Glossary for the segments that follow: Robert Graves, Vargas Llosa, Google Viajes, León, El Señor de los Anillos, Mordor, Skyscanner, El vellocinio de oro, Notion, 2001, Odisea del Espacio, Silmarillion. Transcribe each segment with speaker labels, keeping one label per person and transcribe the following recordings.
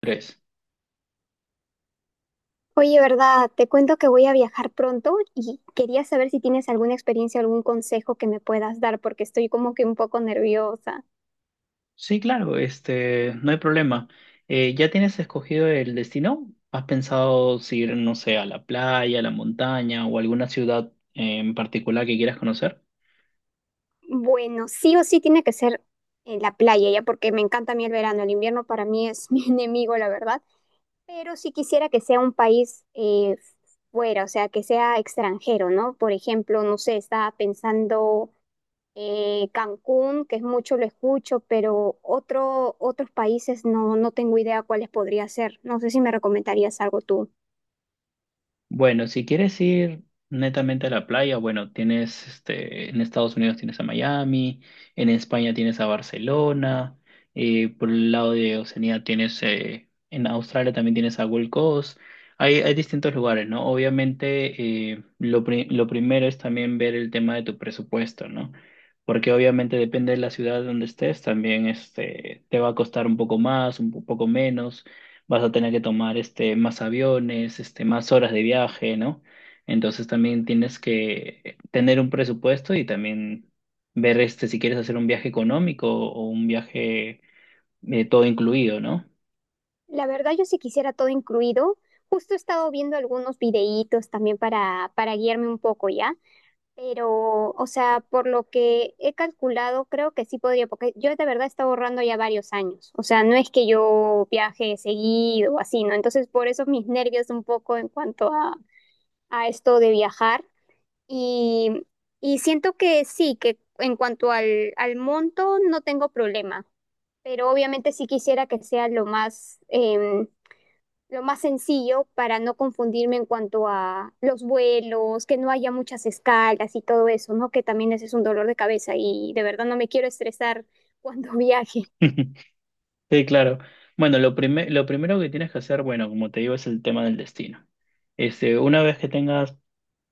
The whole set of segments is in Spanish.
Speaker 1: Tres.
Speaker 2: Oye, ¿verdad? Te cuento que voy a viajar pronto y quería saber si tienes alguna experiencia o algún consejo que me puedas dar porque estoy como que un poco nerviosa.
Speaker 1: Sí, claro, no hay problema. ¿Ya tienes escogido el destino? ¿Has pensado si ir, no sé, a la playa, a la montaña o alguna ciudad en particular que quieras conocer?
Speaker 2: Bueno, sí o sí tiene que ser en la playa, ya porque me encanta a mí el verano. El invierno para mí es mi enemigo, la verdad. Pero sí quisiera que sea un país fuera, o sea, que sea extranjero, ¿no? Por ejemplo, no sé, estaba pensando Cancún, que es mucho lo escucho, pero otros países no, no tengo idea cuáles podría ser. No sé si me recomendarías algo tú.
Speaker 1: Bueno, si quieres ir netamente a la playa, bueno, tienes en Estados Unidos tienes a Miami, en España tienes a Barcelona, por el lado de Oceanía tienes, en Australia también tienes a Gold Coast. Hay distintos lugares, ¿no? Obviamente, lo primero es también ver el tema de tu presupuesto, ¿no? Porque obviamente depende de la ciudad donde estés, también te va a costar un poco más, poco menos, vas a tener que tomar más aviones, más horas de viaje, ¿no? Entonces también tienes que tener un presupuesto y también ver si quieres hacer un viaje económico o un viaje todo incluido, ¿no?
Speaker 2: La verdad, yo sí quisiera todo incluido. Justo he estado viendo algunos videítos también para guiarme un poco ya, pero, o sea, por lo que he calculado, creo que sí podría, porque yo de verdad he estado ahorrando ya varios años, o sea, no es que yo viaje seguido o así, ¿no? Entonces, por eso mis nervios un poco en cuanto a esto de viajar, Y, y siento que sí, que en cuanto al monto no tengo problema, pero obviamente sí quisiera que sea lo más, lo más sencillo para no confundirme en cuanto a los vuelos, que no haya muchas escalas y todo eso, ¿no? Que también ese es un dolor de cabeza y de verdad no me quiero estresar cuando viaje.
Speaker 1: Sí, claro. Bueno, lo primero que tienes que hacer, bueno, como te digo, es el tema del destino. Una vez que tengas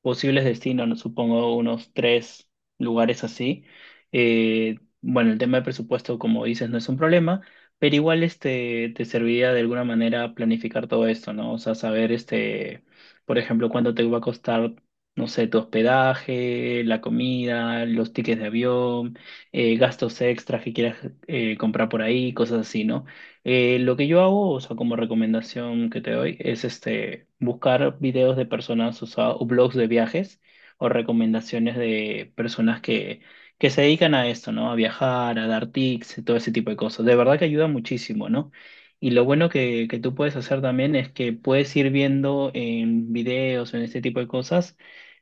Speaker 1: posibles destinos, no supongo unos tres lugares así. Bueno, el tema de presupuesto, como dices, no es un problema, pero igual te serviría de alguna manera planificar todo esto, ¿no? O sea, saber, por ejemplo, cuánto te va a costar, no sé, tu hospedaje, la comida, los tickets de avión, gastos extras que quieras comprar por ahí, cosas así, ¿no? Lo que yo hago, o sea, como recomendación que te doy, es buscar videos de personas usadas o blogs de viajes o recomendaciones de personas que se dedican a esto, ¿no? A viajar, a dar tips, y todo ese tipo de cosas. De verdad que ayuda muchísimo, ¿no? Y lo bueno que tú puedes hacer también es que puedes ir viendo en videos, en este tipo de cosas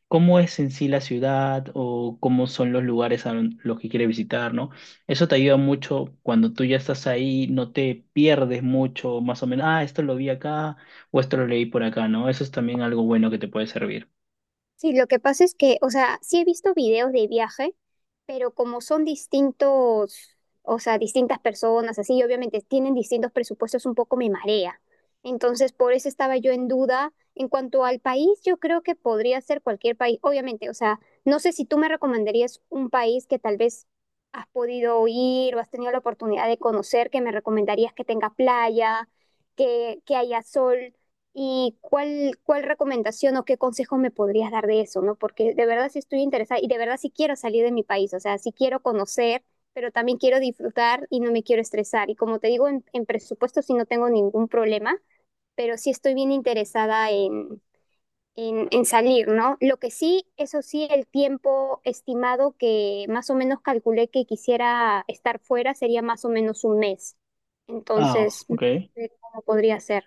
Speaker 1: cómo es en sí la ciudad o cómo son los lugares los que quiere visitar, ¿no? Eso te ayuda mucho cuando tú ya estás ahí, no te pierdes mucho, más o menos, ah, esto lo vi acá o esto lo leí por acá, ¿no? Eso es también algo bueno que te puede servir.
Speaker 2: Sí, lo que pasa es que, o sea, sí he visto videos de viaje, pero como son distintos, o sea, distintas personas, así, y obviamente tienen distintos presupuestos, un poco me marea. Entonces, por eso estaba yo en duda. En cuanto al país, yo creo que podría ser cualquier país, obviamente, o sea, no sé si tú me recomendarías un país que tal vez has podido ir o has tenido la oportunidad de conocer, que me recomendarías que tenga playa, que haya sol. ¿Y cuál recomendación o qué consejo me podrías dar de eso, no? Porque de verdad sí estoy interesada y de verdad sí quiero salir de mi país, o sea, sí quiero conocer, pero también quiero disfrutar y no me quiero estresar. Y como te digo, en presupuesto sí no tengo ningún problema, pero sí estoy bien interesada en salir, ¿no? Lo que sí, eso sí, el tiempo estimado que más o menos calculé que quisiera estar fuera sería más o menos un mes.
Speaker 1: Ah,
Speaker 2: Entonces, no
Speaker 1: ok.
Speaker 2: sé cómo podría ser.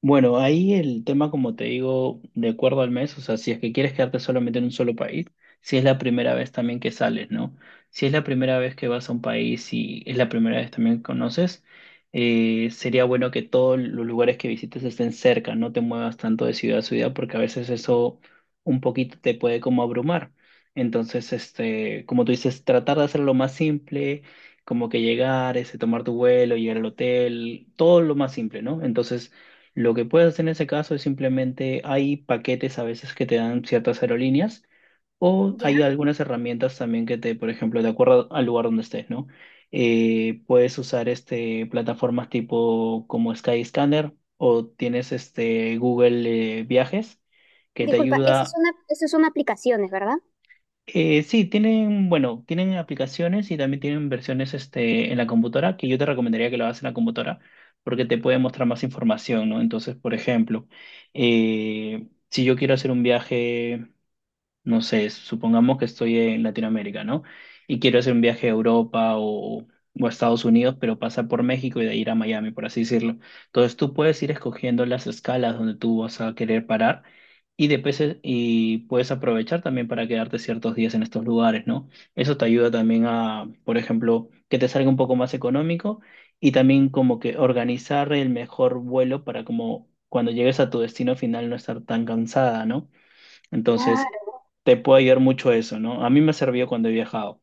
Speaker 1: Bueno, ahí el tema, como te digo, de acuerdo al mes, o sea, si es que quieres quedarte solamente en un solo país, si es la primera vez también que sales, ¿no? Si es la primera vez que vas a un país y es la primera vez también que conoces, sería bueno que todos los lugares que visites estén cerca, no te muevas tanto de ciudad a ciudad porque a veces eso un poquito te puede como abrumar. Entonces, como tú dices, tratar de hacerlo más simple, como que llegar, ese, tomar tu vuelo, llegar al hotel, todo lo más simple, ¿no? Entonces, lo que puedes hacer en ese caso es simplemente hay paquetes a veces que te dan ciertas aerolíneas o
Speaker 2: Ya.
Speaker 1: hay algunas herramientas también que te, por ejemplo, de acuerdo al lugar donde estés, ¿no? Puedes usar plataformas tipo como Skyscanner o tienes Google Viajes, que te
Speaker 2: Disculpa, esas
Speaker 1: ayuda.
Speaker 2: son, esas son aplicaciones, ¿verdad?
Speaker 1: Sí, tienen, bueno, tienen aplicaciones y también tienen versiones en la computadora, que yo te recomendaría que lo hagas en la computadora, porque te puede mostrar más información, ¿no? Entonces, por ejemplo, si yo quiero hacer un viaje, no sé, supongamos que estoy en Latinoamérica, ¿no? Y quiero hacer un viaje a Europa o a Estados Unidos, pero pasar por México y de ahí ir a Miami, por así decirlo. Entonces tú puedes ir escogiendo las escalas donde tú vas a querer parar y, y puedes aprovechar también para quedarte ciertos días en estos lugares, ¿no? Eso te ayuda también a, por ejemplo, que te salga un poco más económico y también como que organizar el mejor vuelo para como cuando llegues a tu destino final no estar tan cansada, ¿no? Entonces,
Speaker 2: Claro.
Speaker 1: te puede ayudar mucho eso, ¿no? A mí me ha servido cuando he viajado.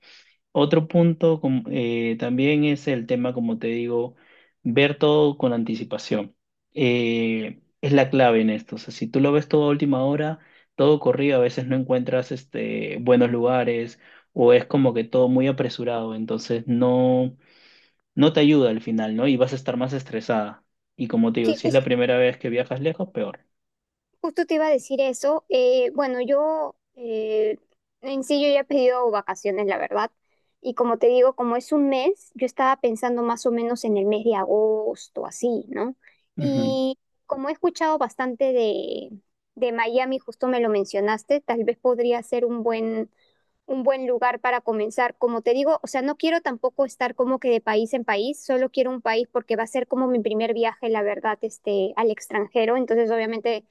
Speaker 1: También es el tema, como te digo, ver todo con anticipación. Es la clave en esto. O sea, si tú lo ves todo a última hora, todo corrido, a veces no encuentras buenos lugares o es como que todo muy apresurado, entonces no, no te ayuda al final, ¿no? Y vas a estar más estresada. Y como te digo,
Speaker 2: Sí,
Speaker 1: si es la
Speaker 2: justo.
Speaker 1: primera vez que viajas lejos, peor.
Speaker 2: Justo te iba a decir eso. Bueno, yo en sí yo ya he pedido vacaciones, la verdad. Y como te digo, como es un mes, yo estaba pensando más o menos en el mes de agosto, así, ¿no?
Speaker 1: Ujú.
Speaker 2: Y como he escuchado bastante de Miami, justo me lo mencionaste, tal vez podría ser un un buen lugar para comenzar. Como te digo, o sea, no quiero tampoco estar como que de país en país, solo quiero un país porque va a ser como mi primer viaje, la verdad, este, al extranjero. Entonces, obviamente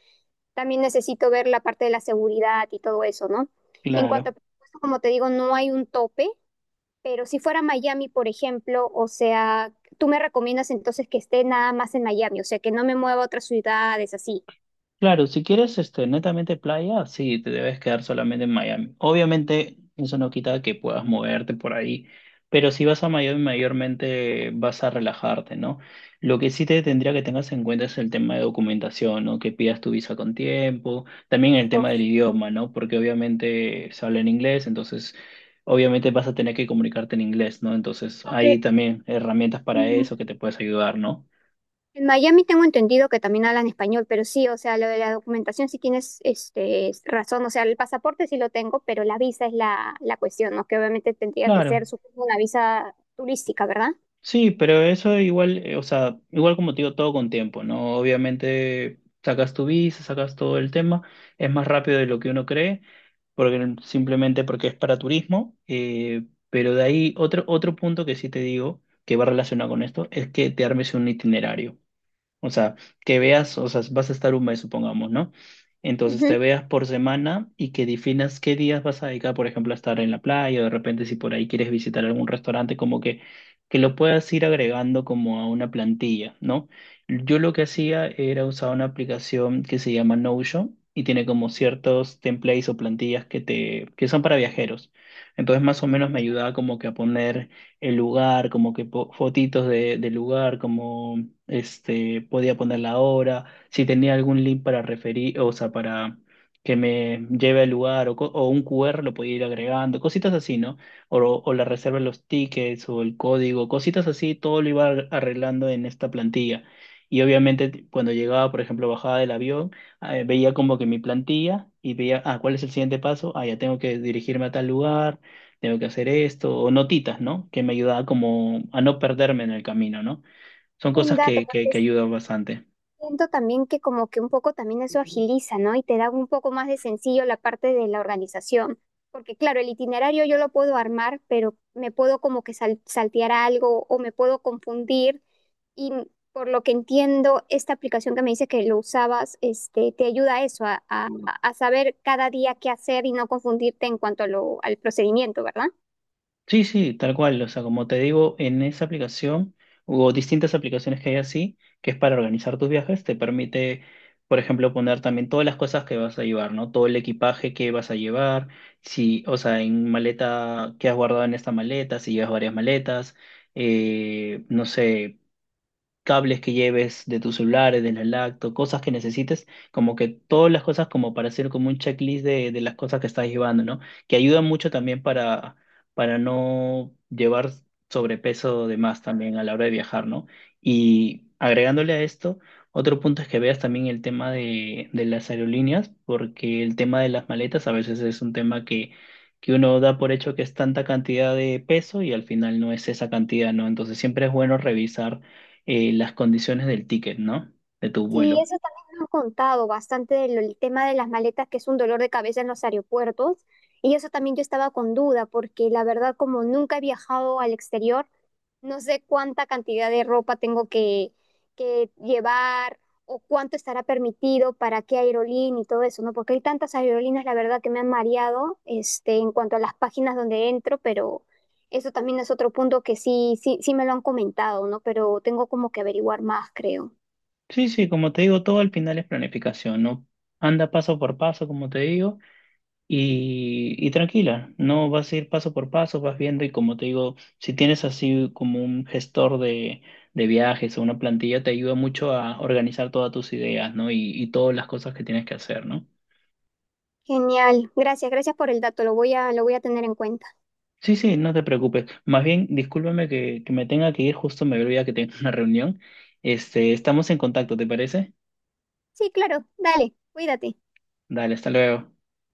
Speaker 2: también necesito ver la parte de la seguridad y todo eso, ¿no? En cuanto a
Speaker 1: Claro.
Speaker 2: presupuesto, como te digo, no hay un tope, pero si fuera Miami, por ejemplo, o sea, tú me recomiendas entonces que esté nada más en Miami, o sea, que no me mueva a otras ciudades así.
Speaker 1: Claro, si quieres netamente playa, sí, te debes quedar solamente en Miami. Obviamente, eso no quita que puedas moverte por ahí, pero si vas a Miami, mayormente vas a relajarte, ¿no? Lo que sí te tendría que tengas en cuenta es el tema de documentación, ¿no? Que pidas tu visa con tiempo, también el
Speaker 2: Esto,
Speaker 1: tema del idioma, ¿no? Porque obviamente se habla en inglés, entonces obviamente vas a tener que comunicarte en inglés, ¿no? Entonces hay
Speaker 2: aunque
Speaker 1: también herramientas para
Speaker 2: mm,
Speaker 1: eso que te puedes ayudar, ¿no?
Speaker 2: en Miami tengo entendido que también hablan español, pero sí, o sea, lo de la documentación sí tienes este, razón, o sea, el pasaporte sí lo tengo, pero la visa es la cuestión, ¿no? Que obviamente tendría que
Speaker 1: Claro.
Speaker 2: ser, supongo, una visa turística, ¿verdad?
Speaker 1: Sí, pero eso igual, o sea, igual como te digo, todo con tiempo, ¿no? Obviamente sacas tu visa, sacas todo el tema, es más rápido de lo que uno cree, porque simplemente porque es para turismo, pero de ahí otro punto que sí te digo, que va relacionado con esto, es que te armes un itinerario. O sea, que veas, o sea, vas a estar un mes, supongamos, ¿no? Entonces
Speaker 2: Ujú.
Speaker 1: te veas por semana y que definas qué días vas a dedicar, por ejemplo, a estar en la playa, o de repente si por ahí quieres visitar algún restaurante, como que lo puedas ir agregando como a una plantilla, ¿no? Yo lo que hacía era usar una aplicación que se llama Notion y tiene como ciertos templates o plantillas que te, que son para viajeros. Entonces más o menos me ayudaba como que a poner el lugar, como que fotitos de, del lugar, como podía poner la hora, si tenía algún link para referir, o sea, para que me lleve al lugar, o, o un QR lo podía ir agregando, cositas así, ¿no? O la reserva de los tickets, o el código, cositas así, todo lo iba arreglando en esta plantilla. Y obviamente cuando llegaba, por ejemplo, bajaba del avión, veía como que mi plantilla y veía, ah, ¿cuál es el siguiente paso? Ah, ya tengo que dirigirme a tal lugar, tengo que hacer esto, o notitas, ¿no? Que me ayudaba como a no perderme en el camino, ¿no? Son
Speaker 2: Buen
Speaker 1: cosas
Speaker 2: dato,
Speaker 1: que, que,
Speaker 2: porque
Speaker 1: que ayudan bastante.
Speaker 2: siento también que como que un poco también eso agiliza, ¿no? Y te da un poco más de sencillo la parte de la organización, porque claro, el itinerario yo lo puedo armar, pero me puedo como que saltear algo o me puedo confundir. Y por lo que entiendo, esta aplicación que me dice que lo usabas, este, te ayuda a eso, a saber cada día qué hacer y no confundirte en cuanto a lo, al procedimiento, ¿verdad?
Speaker 1: Sí, sí, tal cual. O sea, como te digo, en esa aplicación o distintas aplicaciones que hay así, que es para organizar tus viajes, te permite, por ejemplo, poner también todas las cosas que vas a llevar, ¿no? Todo el equipaje que vas a llevar, si, o sea, en maleta, qué has guardado en esta maleta, si llevas varias maletas, no sé, cables que lleves de tus celulares, de la lacto, cosas que necesites, como que todas las cosas como para hacer como un checklist de las cosas que estás llevando, ¿no? Que ayuda mucho también para no llevar sobrepeso de más también a la hora de viajar, ¿no? Y agregándole a esto, otro punto es que veas también el tema de las aerolíneas, porque el tema de las maletas a veces es un tema que uno da por hecho que es tanta cantidad de peso y al final no es esa cantidad, ¿no? Entonces siempre es bueno revisar las condiciones del ticket, ¿no? De tu
Speaker 2: Sí,
Speaker 1: vuelo.
Speaker 2: eso también me han contado bastante del el tema de las maletas, que es un dolor de cabeza en los aeropuertos. Y eso también yo estaba con duda, porque la verdad, como nunca he viajado al exterior, no sé cuánta cantidad de ropa tengo que llevar o cuánto estará permitido para qué aerolínea y todo eso, ¿no? Porque hay tantas aerolíneas, la verdad, que me han mareado, este, en cuanto a las páginas donde entro, pero eso también es otro punto que sí me lo han comentado, ¿no? Pero tengo como que averiguar más, creo.
Speaker 1: Sí, sí, como te digo, todo al final es planificación, ¿no? Anda paso por paso, como te digo, y tranquila, no vas a ir paso por paso, vas viendo y como te digo, si tienes así como un gestor de viajes o una plantilla, te ayuda mucho a organizar todas tus ideas, ¿no? Y todas las cosas que tienes que hacer, ¿no?
Speaker 2: Genial, gracias por el dato, lo voy lo voy a tener en cuenta.
Speaker 1: Sí, sí, no te preocupes. Más bien, discúlpame que me tenga que ir, justo me olvidé que tengo una reunión. Este, estamos en contacto, ¿te parece?
Speaker 2: Sí, claro, dale, cuídate.
Speaker 1: Dale, hasta luego.